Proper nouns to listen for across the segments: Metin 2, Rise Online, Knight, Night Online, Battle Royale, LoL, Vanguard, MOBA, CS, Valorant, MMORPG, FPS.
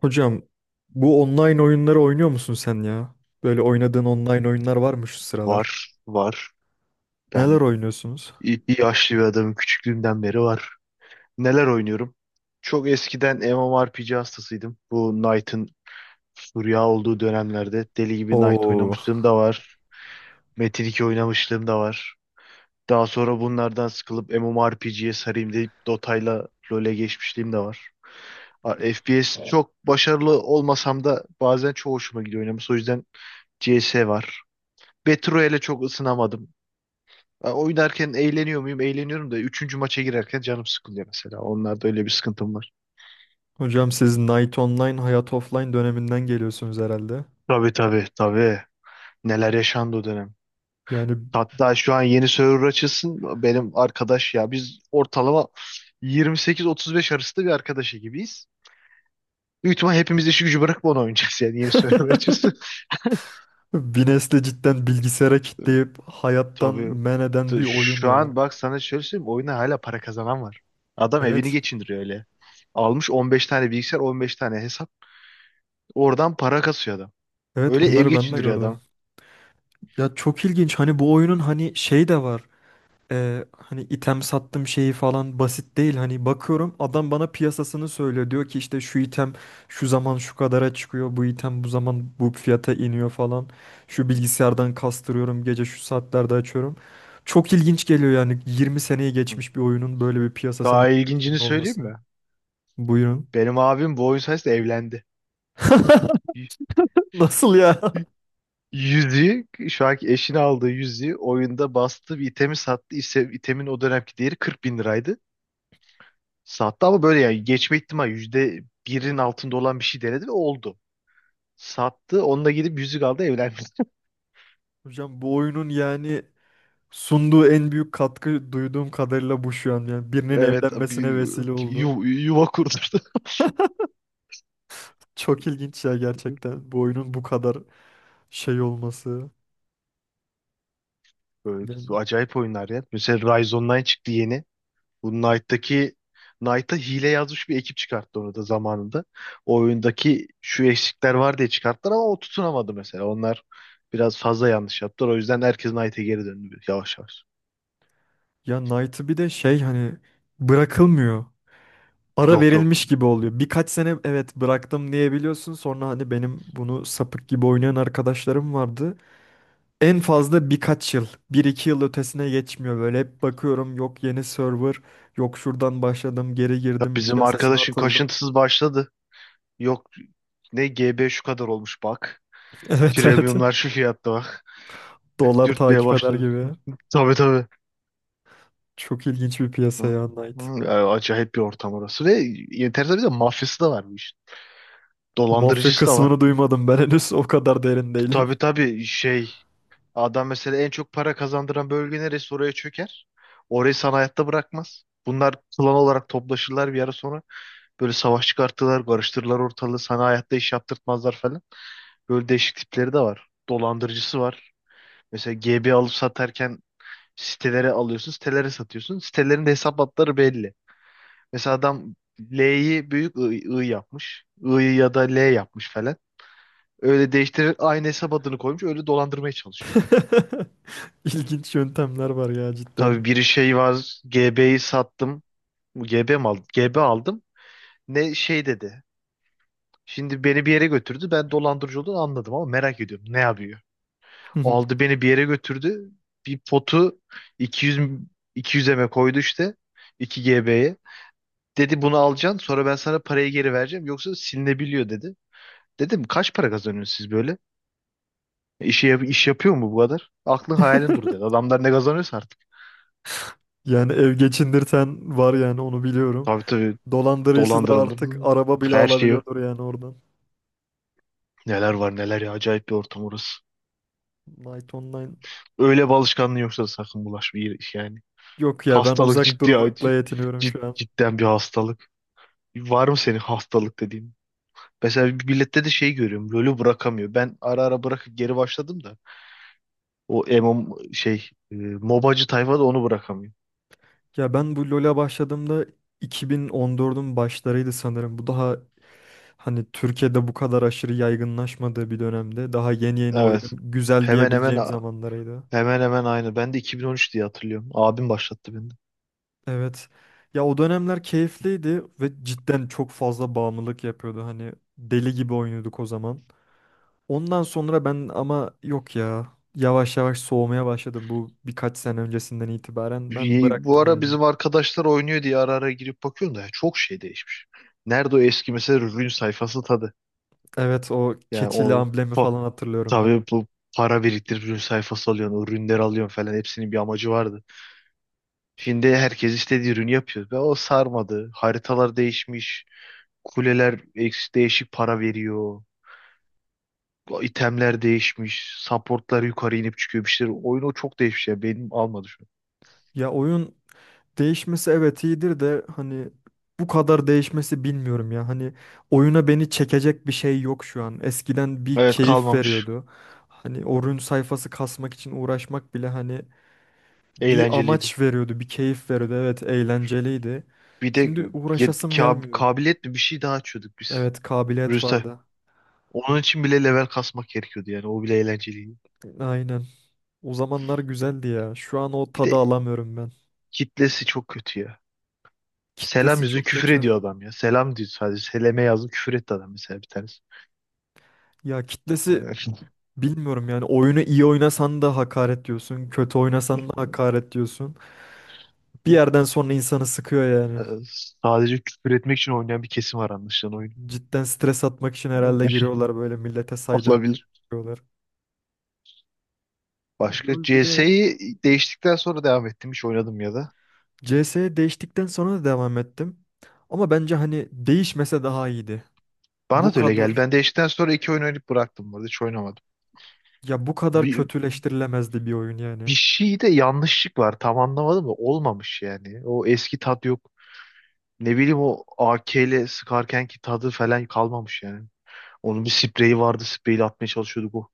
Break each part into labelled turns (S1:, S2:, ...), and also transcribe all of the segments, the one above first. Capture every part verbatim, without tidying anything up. S1: Hocam, bu online oyunları oynuyor musun sen ya? Böyle oynadığın online oyunlar var mı şu sıralar?
S2: Var, var.
S1: Neler
S2: Ben
S1: oynuyorsunuz?
S2: i- yaşlı bir adamım. Küçüklüğümden beri var. Neler oynuyorum? Çok eskiden MMORPG hastasıydım. Bu Knight'ın furya olduğu dönemlerde deli gibi Knight
S1: Oo,
S2: oynamışlığım da var. Metin iki oynamışlığım da var. Daha sonra bunlardan sıkılıp M M O R P G'ye sarayım deyip Dota'yla LoL'e geçmişliğim de var. A- F P S çok başarılı olmasam da bazen çok hoşuma gidiyor oynaması. O yüzden C S var. Battle Royale'e çok ısınamadım. Ya, oynarken eğleniyor muyum? Eğleniyorum da üçüncü maça girerken canım sıkılıyor mesela. Onlarda öyle bir sıkıntım var.
S1: hocam siz Night Online, Hayat Offline döneminden geliyorsunuz herhalde.
S2: Tabii, tabii, tabii. Neler yaşandı o dönem.
S1: Yani
S2: Hatta şu an yeni server açılsın, benim arkadaş ya biz ortalama yirmi sekiz otuz beş arasında bir arkadaş gibiyiz. Büyük ihtimal hepimiz işi gücü bırakıp onu oynayacağız yani, yeni server açılsın.
S1: bir nesli cidden bilgisayara kitleyip hayattan
S2: Tabii,
S1: men eden
S2: t-
S1: bir oyun
S2: şu
S1: ya.
S2: an bak sana şöyle söyleyeyim, oyuna hala para kazanan var. Adam evini
S1: Evet.
S2: geçindiriyor öyle. Almış on beş tane bilgisayar, on beş tane hesap, oradan para kasıyor adam.
S1: Evet,
S2: Öyle ev
S1: bunları ben de
S2: geçindiriyor
S1: gördüm.
S2: adam.
S1: Ya çok ilginç, hani bu oyunun hani şey de var. E, hani item sattım şeyi falan basit değil. Hani bakıyorum adam bana piyasasını söylüyor. Diyor ki işte şu item şu zaman şu kadara çıkıyor. Bu item bu zaman bu fiyata iniyor falan. Şu bilgisayardan kastırıyorum, gece şu saatlerde açıyorum. Çok ilginç geliyor yani, yirmi seneyi
S2: Hı.
S1: geçmiş bir oyunun böyle bir piyasasının
S2: Daha ilgincini
S1: canlı
S2: söyleyeyim
S1: olması.
S2: mi?
S1: Buyurun.
S2: Benim abim bu oyun sayesinde evlendi.
S1: Nasıl ya?
S2: Yüzüğü, şu anki eşini aldığı yüzüğü, oyunda bastığı bir itemi sattı. İse, itemin o dönemki değeri kırk bin liraydı. Sattı ama böyle yani geçme ihtimali yüzde birin altında olan bir şey denedi ve oldu. Sattı. Onunla gidip yüzük aldı, evlendi.
S1: Hocam, bu oyunun yani sunduğu en büyük katkı duyduğum kadarıyla bu, şu an yani birinin
S2: Evet, bir
S1: evlenmesine vesile oldu.
S2: yu- yuva kurdurdu.
S1: Çok ilginç ya, gerçekten bu oyunun bu kadar şey olması.
S2: Böyle
S1: Yani,
S2: acayip oyunlar ya. Mesela Rise Online çıktı yeni. Bu Knight'taki Knight'a hile yazmış bir ekip çıkarttı onu da zamanında. O oyundaki şu eksikler var diye çıkarttılar ama o tutunamadı mesela. Onlar biraz fazla yanlış yaptılar. O yüzden herkes Knight'e geri döndü yavaş yavaş.
S1: ya Knight'ı bir de şey hani bırakılmıyor. Ara
S2: Yok, yok.
S1: verilmiş gibi oluyor. Birkaç sene evet bıraktım diyebiliyorsun. Sonra hani benim bunu sapık gibi oynayan arkadaşlarım vardı. En fazla birkaç yıl. Bir iki yıl ötesine geçmiyor böyle. Hep bakıyorum yok yeni server. Yok şuradan başladım, geri
S2: Ya,
S1: girdim,
S2: bizim
S1: piyasasına
S2: arkadaşın
S1: atıldım.
S2: kaşıntısız başladı. Yok, ne G B şu kadar olmuş bak.
S1: Evet, evet.
S2: Premiumlar şu fiyatta bak.
S1: Dolar
S2: Dürtmeye
S1: takip eder
S2: başladı.
S1: gibi.
S2: Tabii, tabii.
S1: Çok ilginç bir
S2: Hı,
S1: piyasa ya Knight.
S2: hı. Ya, acayip bir ortam orası. Ve enteresan, bir de mafyası da var bu işin.
S1: Mafya
S2: Dolandırıcısı da var.
S1: kısmını duymadım, ben henüz o kadar derin değilim.
S2: Tabii, tabii. Şey adam mesela en çok para kazandıran bölge neresi, oraya çöker. Orayı sana hayatta bırakmaz. Bunlar klan olarak toplaşırlar bir ara sonra. Böyle savaş çıkartırlar, karıştırırlar ortalığı. Sana hayatta iş yaptırtmazlar falan. Böyle değişik tipleri de var. Dolandırıcısı var. Mesela G B alıp satarken sitelere alıyorsun, sitelere satıyorsun. Sitelerin de hesap hatları belli. Mesela adam L'yi büyük I, I yapmış. I'yı ya da L yapmış falan. Öyle değiştirerek aynı hesap adını koymuş. Öyle dolandırmaya çalışıyor.
S1: İlginç yöntemler var ya cidden.
S2: Tabii, bir şey var. G B'yi sattım. Bu G B mi aldım? G B aldım. Ne şey dedi. Şimdi beni bir yere götürdü. Ben dolandırıcı olduğunu anladım ama merak ediyorum. Ne yapıyor? Aldı, beni bir yere götürdü. Bir potu iki yüz iki yüze mi koydu işte. iki G B'ye. Dedi bunu alacaksın, sonra ben sana parayı geri vereceğim. Yoksa silinebiliyor dedi. Dedim, kaç para kazanıyorsunuz siz böyle? E, İşe, yap- iş yapıyor mu bu kadar? Aklın hayalin dur dedi. Adamlar ne kazanıyorsa artık.
S1: Yani ev geçindirten var, yani onu biliyorum.
S2: Tabii, tabii,
S1: Dolandırıcısı da artık
S2: dolandırıldım.
S1: araba bile
S2: Her şeyi
S1: alabiliyordur yani oradan.
S2: Neler var neler ya, acayip bir ortam orası.
S1: Night Online,
S2: Öyle bir alışkanlığın yoksa da sakın bulaşma iyi- yani.
S1: yok ya, ben
S2: Hastalık
S1: uzak
S2: ciddi
S1: durmakla
S2: acı.
S1: yetiniyorum
S2: Cid,
S1: şu an.
S2: cidden bir hastalık. Var mı senin hastalık dediğin? Mesela bir millette de şey görüyorum. LoL'ü bırakamıyor. Ben ara ara bırakıp geri başladım da. O M M O şey e, MOBA'cı tayfa da onu bırakamıyor.
S1: Ya ben bu LoL'a başladığımda iki bin on dördün başlarıydı sanırım. Bu daha hani Türkiye'de bu kadar aşırı yaygınlaşmadığı bir dönemde, daha yeni yeni
S2: Evet.
S1: oyunun güzel
S2: Hemen hemen
S1: diyebileceğim zamanlarıydı.
S2: hemen hemen aynı. Ben de iki bin on üç diye hatırlıyorum. Abim başlattı beni.
S1: Evet. Ya o dönemler keyifliydi ve cidden çok fazla bağımlılık yapıyordu. Hani deli gibi oynuyorduk o zaman. Ondan sonra ben ama, yok ya. Yavaş yavaş soğumaya başladım bu birkaç sene öncesinden itibaren. Ben
S2: Bu
S1: bıraktım
S2: ara
S1: yani.
S2: bizim arkadaşlar oynuyor diye ara ara girip bakıyorum da ya çok şey değişmiş. Nerede o eski mesela ürün sayfası tadı?
S1: Evet, o
S2: Yani,
S1: keçili
S2: o
S1: amblemi
S2: pa-
S1: falan hatırlıyorum ben.
S2: tabii bu para biriktirip ürün sayfası alıyorsun, o ürünleri alıyorsun falan, hepsinin bir amacı vardı. Şimdi herkes istediği ürünü yapıyor ve o sarmadı. Haritalar değişmiş, kuleler eks- değişik para veriyor, itemler değişmiş, supportlar yukarı inip çıkıyor bir şeyler. Oyunu çok değişmiş ya, benim almadı şu an.
S1: Ya oyun değişmesi evet iyidir de hani bu kadar değişmesi bilmiyorum ya. Hani oyuna beni çekecek bir şey yok şu an. Eskiden bir
S2: Evet,
S1: keyif
S2: kalmamış,
S1: veriyordu. Hani oyun sayfası kasmak için uğraşmak bile hani bir
S2: eğlenceliydi.
S1: amaç veriyordu, bir keyif veriyordu. Evet, eğlenceliydi.
S2: Bir de
S1: Şimdi
S2: ya-
S1: uğraşasım
S2: kab-
S1: gelmiyor.
S2: kabiliyet mi, bir şey daha açıyorduk biz.
S1: Evet, kabiliyet
S2: Rüste.
S1: vardı.
S2: Onun için bile level kasmak gerekiyordu yani. O bile eğlenceliydi.
S1: Aynen. O zamanlar güzeldi ya. Şu an o
S2: Bir
S1: tadı
S2: de
S1: alamıyorum ben.
S2: kitlesi çok kötü ya. Selam
S1: Kitlesi
S2: yüzü
S1: çok
S2: küfür
S1: kötü.
S2: ediyor adam ya. Selam diyor sadece. Seleme yazdım, küfür etti adam mesela, bir tanesi.
S1: Ya kitlesi
S2: Yani,
S1: bilmiyorum yani, oyunu iyi oynasan da hakaret diyorsun, kötü oynasan da hakaret diyorsun. Bir yerden sonra insanı sıkıyor
S2: e,
S1: yani.
S2: sadece küfür etmek için oynayan bir kesim var anlaşılan oyun.
S1: Cidden stres atmak için herhalde giriyorlar, böyle millete saydırıp
S2: Olabilir.
S1: giriyorlar.
S2: Başka
S1: LoL bir de
S2: C S'yi değiştikten sonra devam ettim. Hiç oynadım ya da.
S1: C S'ye değiştikten sonra da devam ettim. Ama bence hani değişmese daha iyiydi. Bu
S2: Bana da öyle geldi.
S1: kadar,
S2: Ben değiştikten sonra iki oyun oynayıp bıraktım bu arada. Hiç oynamadım.
S1: ya bu kadar kötüleştirilemezdi bir oyun yani.
S2: Bir şeyde yanlışlık var. Tam anlamadım da olmamış yani. O eski tat yok. Ne bileyim o A K ile sıkarken ki tadı falan kalmamış yani. Onun bir spreyi vardı. Spreyle atmaya çalışıyorduk o.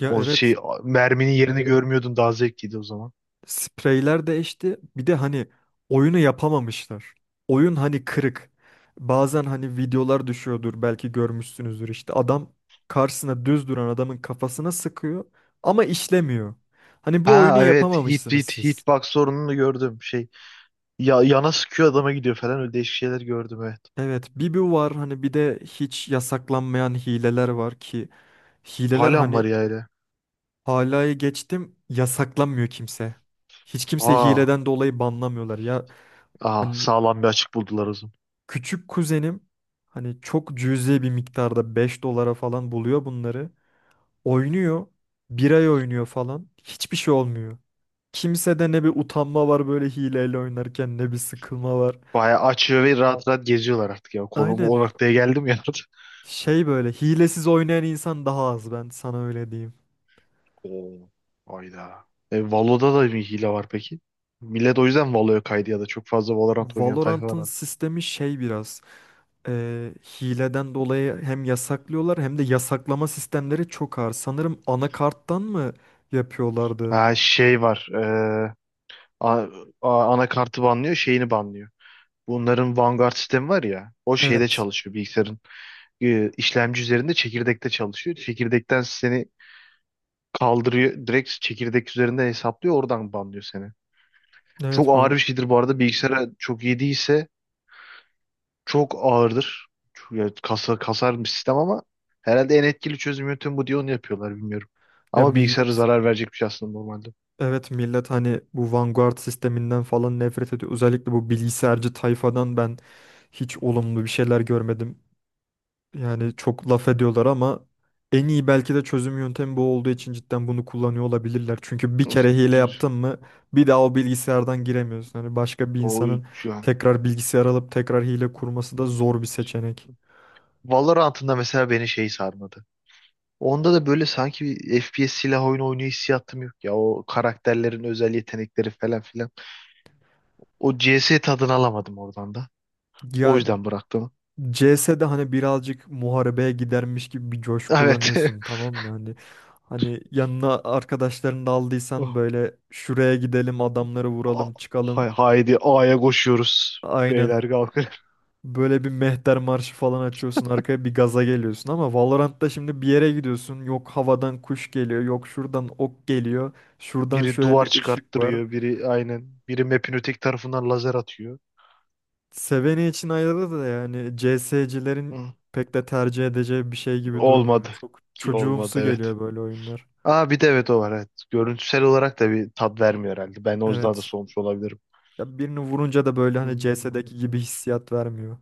S1: Ya
S2: O
S1: evet,
S2: şey a- merminin yerini görmüyordun, daha zevkliydi o zaman.
S1: spreyler değişti. Bir de hani oyunu yapamamışlar. Oyun hani kırık. Bazen hani videolar düşüyordur belki görmüşsünüzdür, işte adam karşısına düz duran adamın kafasına sıkıyor ama işlemiyor. Hani bu oyunu
S2: Ha evet, hit
S1: yapamamışsınız
S2: hit
S1: siz.
S2: hitbox sorununu gördüm, şey ya yana sıkıyor, adama gidiyor falan, öyle değişik şeyler gördüm evet.
S1: Evet, bir bu var hani, bir de hiç yasaklanmayan hileler var ki hileler
S2: Hala mı
S1: hani
S2: var ya öyle?
S1: halayı geçtim, yasaklanmıyor kimse. Hiç kimse
S2: Aa,
S1: hileden dolayı banlamıyorlar ya.
S2: aa,
S1: Hani
S2: sağlam bir açık buldular o zaman.
S1: küçük kuzenim hani çok cüzi bir miktarda beş dolara falan buluyor bunları. Oynuyor. Bir ay oynuyor falan. Hiçbir şey olmuyor. Kimsede ne bir utanma var böyle hileyle oynarken, ne bir sıkılma var.
S2: Bayağı açıyor ve rahat rahat geziyorlar artık ya. Konu bu,
S1: Aynen.
S2: o noktaya geldim ya.
S1: Şey böyle hilesiz oynayan insan daha az, ben sana öyle diyeyim.
S2: Oo. Hayda. E, Valo'da da bir hile var peki. Millet o yüzden Valo'ya kaydı ya da çok fazla Valorant oynayan tayfa var
S1: Valorant'ın
S2: artık.
S1: sistemi şey biraz e, hileden dolayı hem yasaklıyorlar hem de yasaklama sistemleri çok ağır. Sanırım anakarttan mı yapıyorlardı?
S2: Ha, şey var. E, a- a- Anakartı banlıyor, şeyini banlıyor. Bunların Vanguard sistemi var ya. O şeyde
S1: Evet.
S2: çalışıyor bilgisayarın. e, işlemci üzerinde çekirdekte çalışıyor. Çekirdekten seni kaldırıyor. Direkt çekirdek üzerinde hesaplıyor. Oradan banlıyor seni. Çok
S1: Evet,
S2: ağır bir
S1: bu
S2: şeydir bu arada. Bilgisayara çok iyi değilse. Çok ağırdır. Çok- ya, kasa, kasar bir sistem ama herhalde en etkili çözüm yöntemi bu diye onu yapıyorlar, bilmiyorum.
S1: ya
S2: Ama bilgisayara
S1: millet,
S2: zarar verecek bir şey aslında normalde.
S1: evet millet hani bu Vanguard sisteminden falan nefret ediyor. Özellikle bu bilgisayarcı tayfadan ben hiç olumlu bir şeyler görmedim. Yani çok laf ediyorlar ama en iyi belki de çözüm yöntemi bu olduğu için cidden bunu kullanıyor olabilirler. Çünkü bir
S2: Of,
S1: kere hile
S2: düz.
S1: yaptın mı bir daha o bilgisayardan giremiyorsun. Hani başka bir
S2: O
S1: insanın
S2: şu an.
S1: tekrar bilgisayar alıp tekrar hile kurması da zor bir seçenek.
S2: Valorant'ında mesela beni şey sarmadı. Onda da böyle sanki bir F P S silah oyunu oynuyor hissiyatım yok ya. O karakterlerin özel yetenekleri falan filan. O C S tadını alamadım oradan da. O
S1: Ya
S2: yüzden bıraktım.
S1: C S'de hani birazcık muharebeye gidermiş gibi bir coşku
S2: Evet.
S1: kullanıyorsun tamam mı? Hani hani yanına arkadaşlarını da aldıysan
S2: Oh.
S1: böyle şuraya gidelim, adamları
S2: Ah,
S1: vuralım, çıkalım.
S2: hay- Haydi A'ya koşuyoruz.
S1: Aynen,
S2: Beyler kalkın.
S1: böyle bir mehter marşı falan açıyorsun arkaya, bir gaza geliyorsun ama Valorant'ta şimdi bir yere gidiyorsun, yok havadan kuş geliyor, yok şuradan ok geliyor, şuradan
S2: Biri
S1: şöyle
S2: duvar
S1: bir ışık var.
S2: çıkarttırıyor, biri aynen. Biri map'in öteki tarafından lazer atıyor.
S1: Seveni için ayrı da yani, C S'cilerin
S2: Hı.
S1: pek de tercih edeceği bir şey gibi
S2: Olmadı.
S1: durmuyor. Çok
S2: Ki olmadı
S1: çocuğumsu
S2: evet.
S1: geliyor böyle oyunlar.
S2: Aa, bir de evet o var evet. Görüntüsel olarak da bir tat vermiyor herhalde. Ben o yüzden de
S1: Evet.
S2: soğumuş olabilirim.
S1: Ya birini vurunca da böyle hani C S'deki gibi hissiyat vermiyor.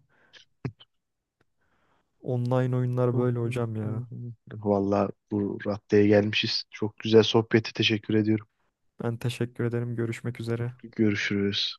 S1: Online oyunlar böyle hocam ya.
S2: Vallahi bu raddeye gelmişiz. Çok güzel sohbeti teşekkür ediyorum.
S1: Ben teşekkür ederim. Görüşmek üzere.
S2: Görüşürüz.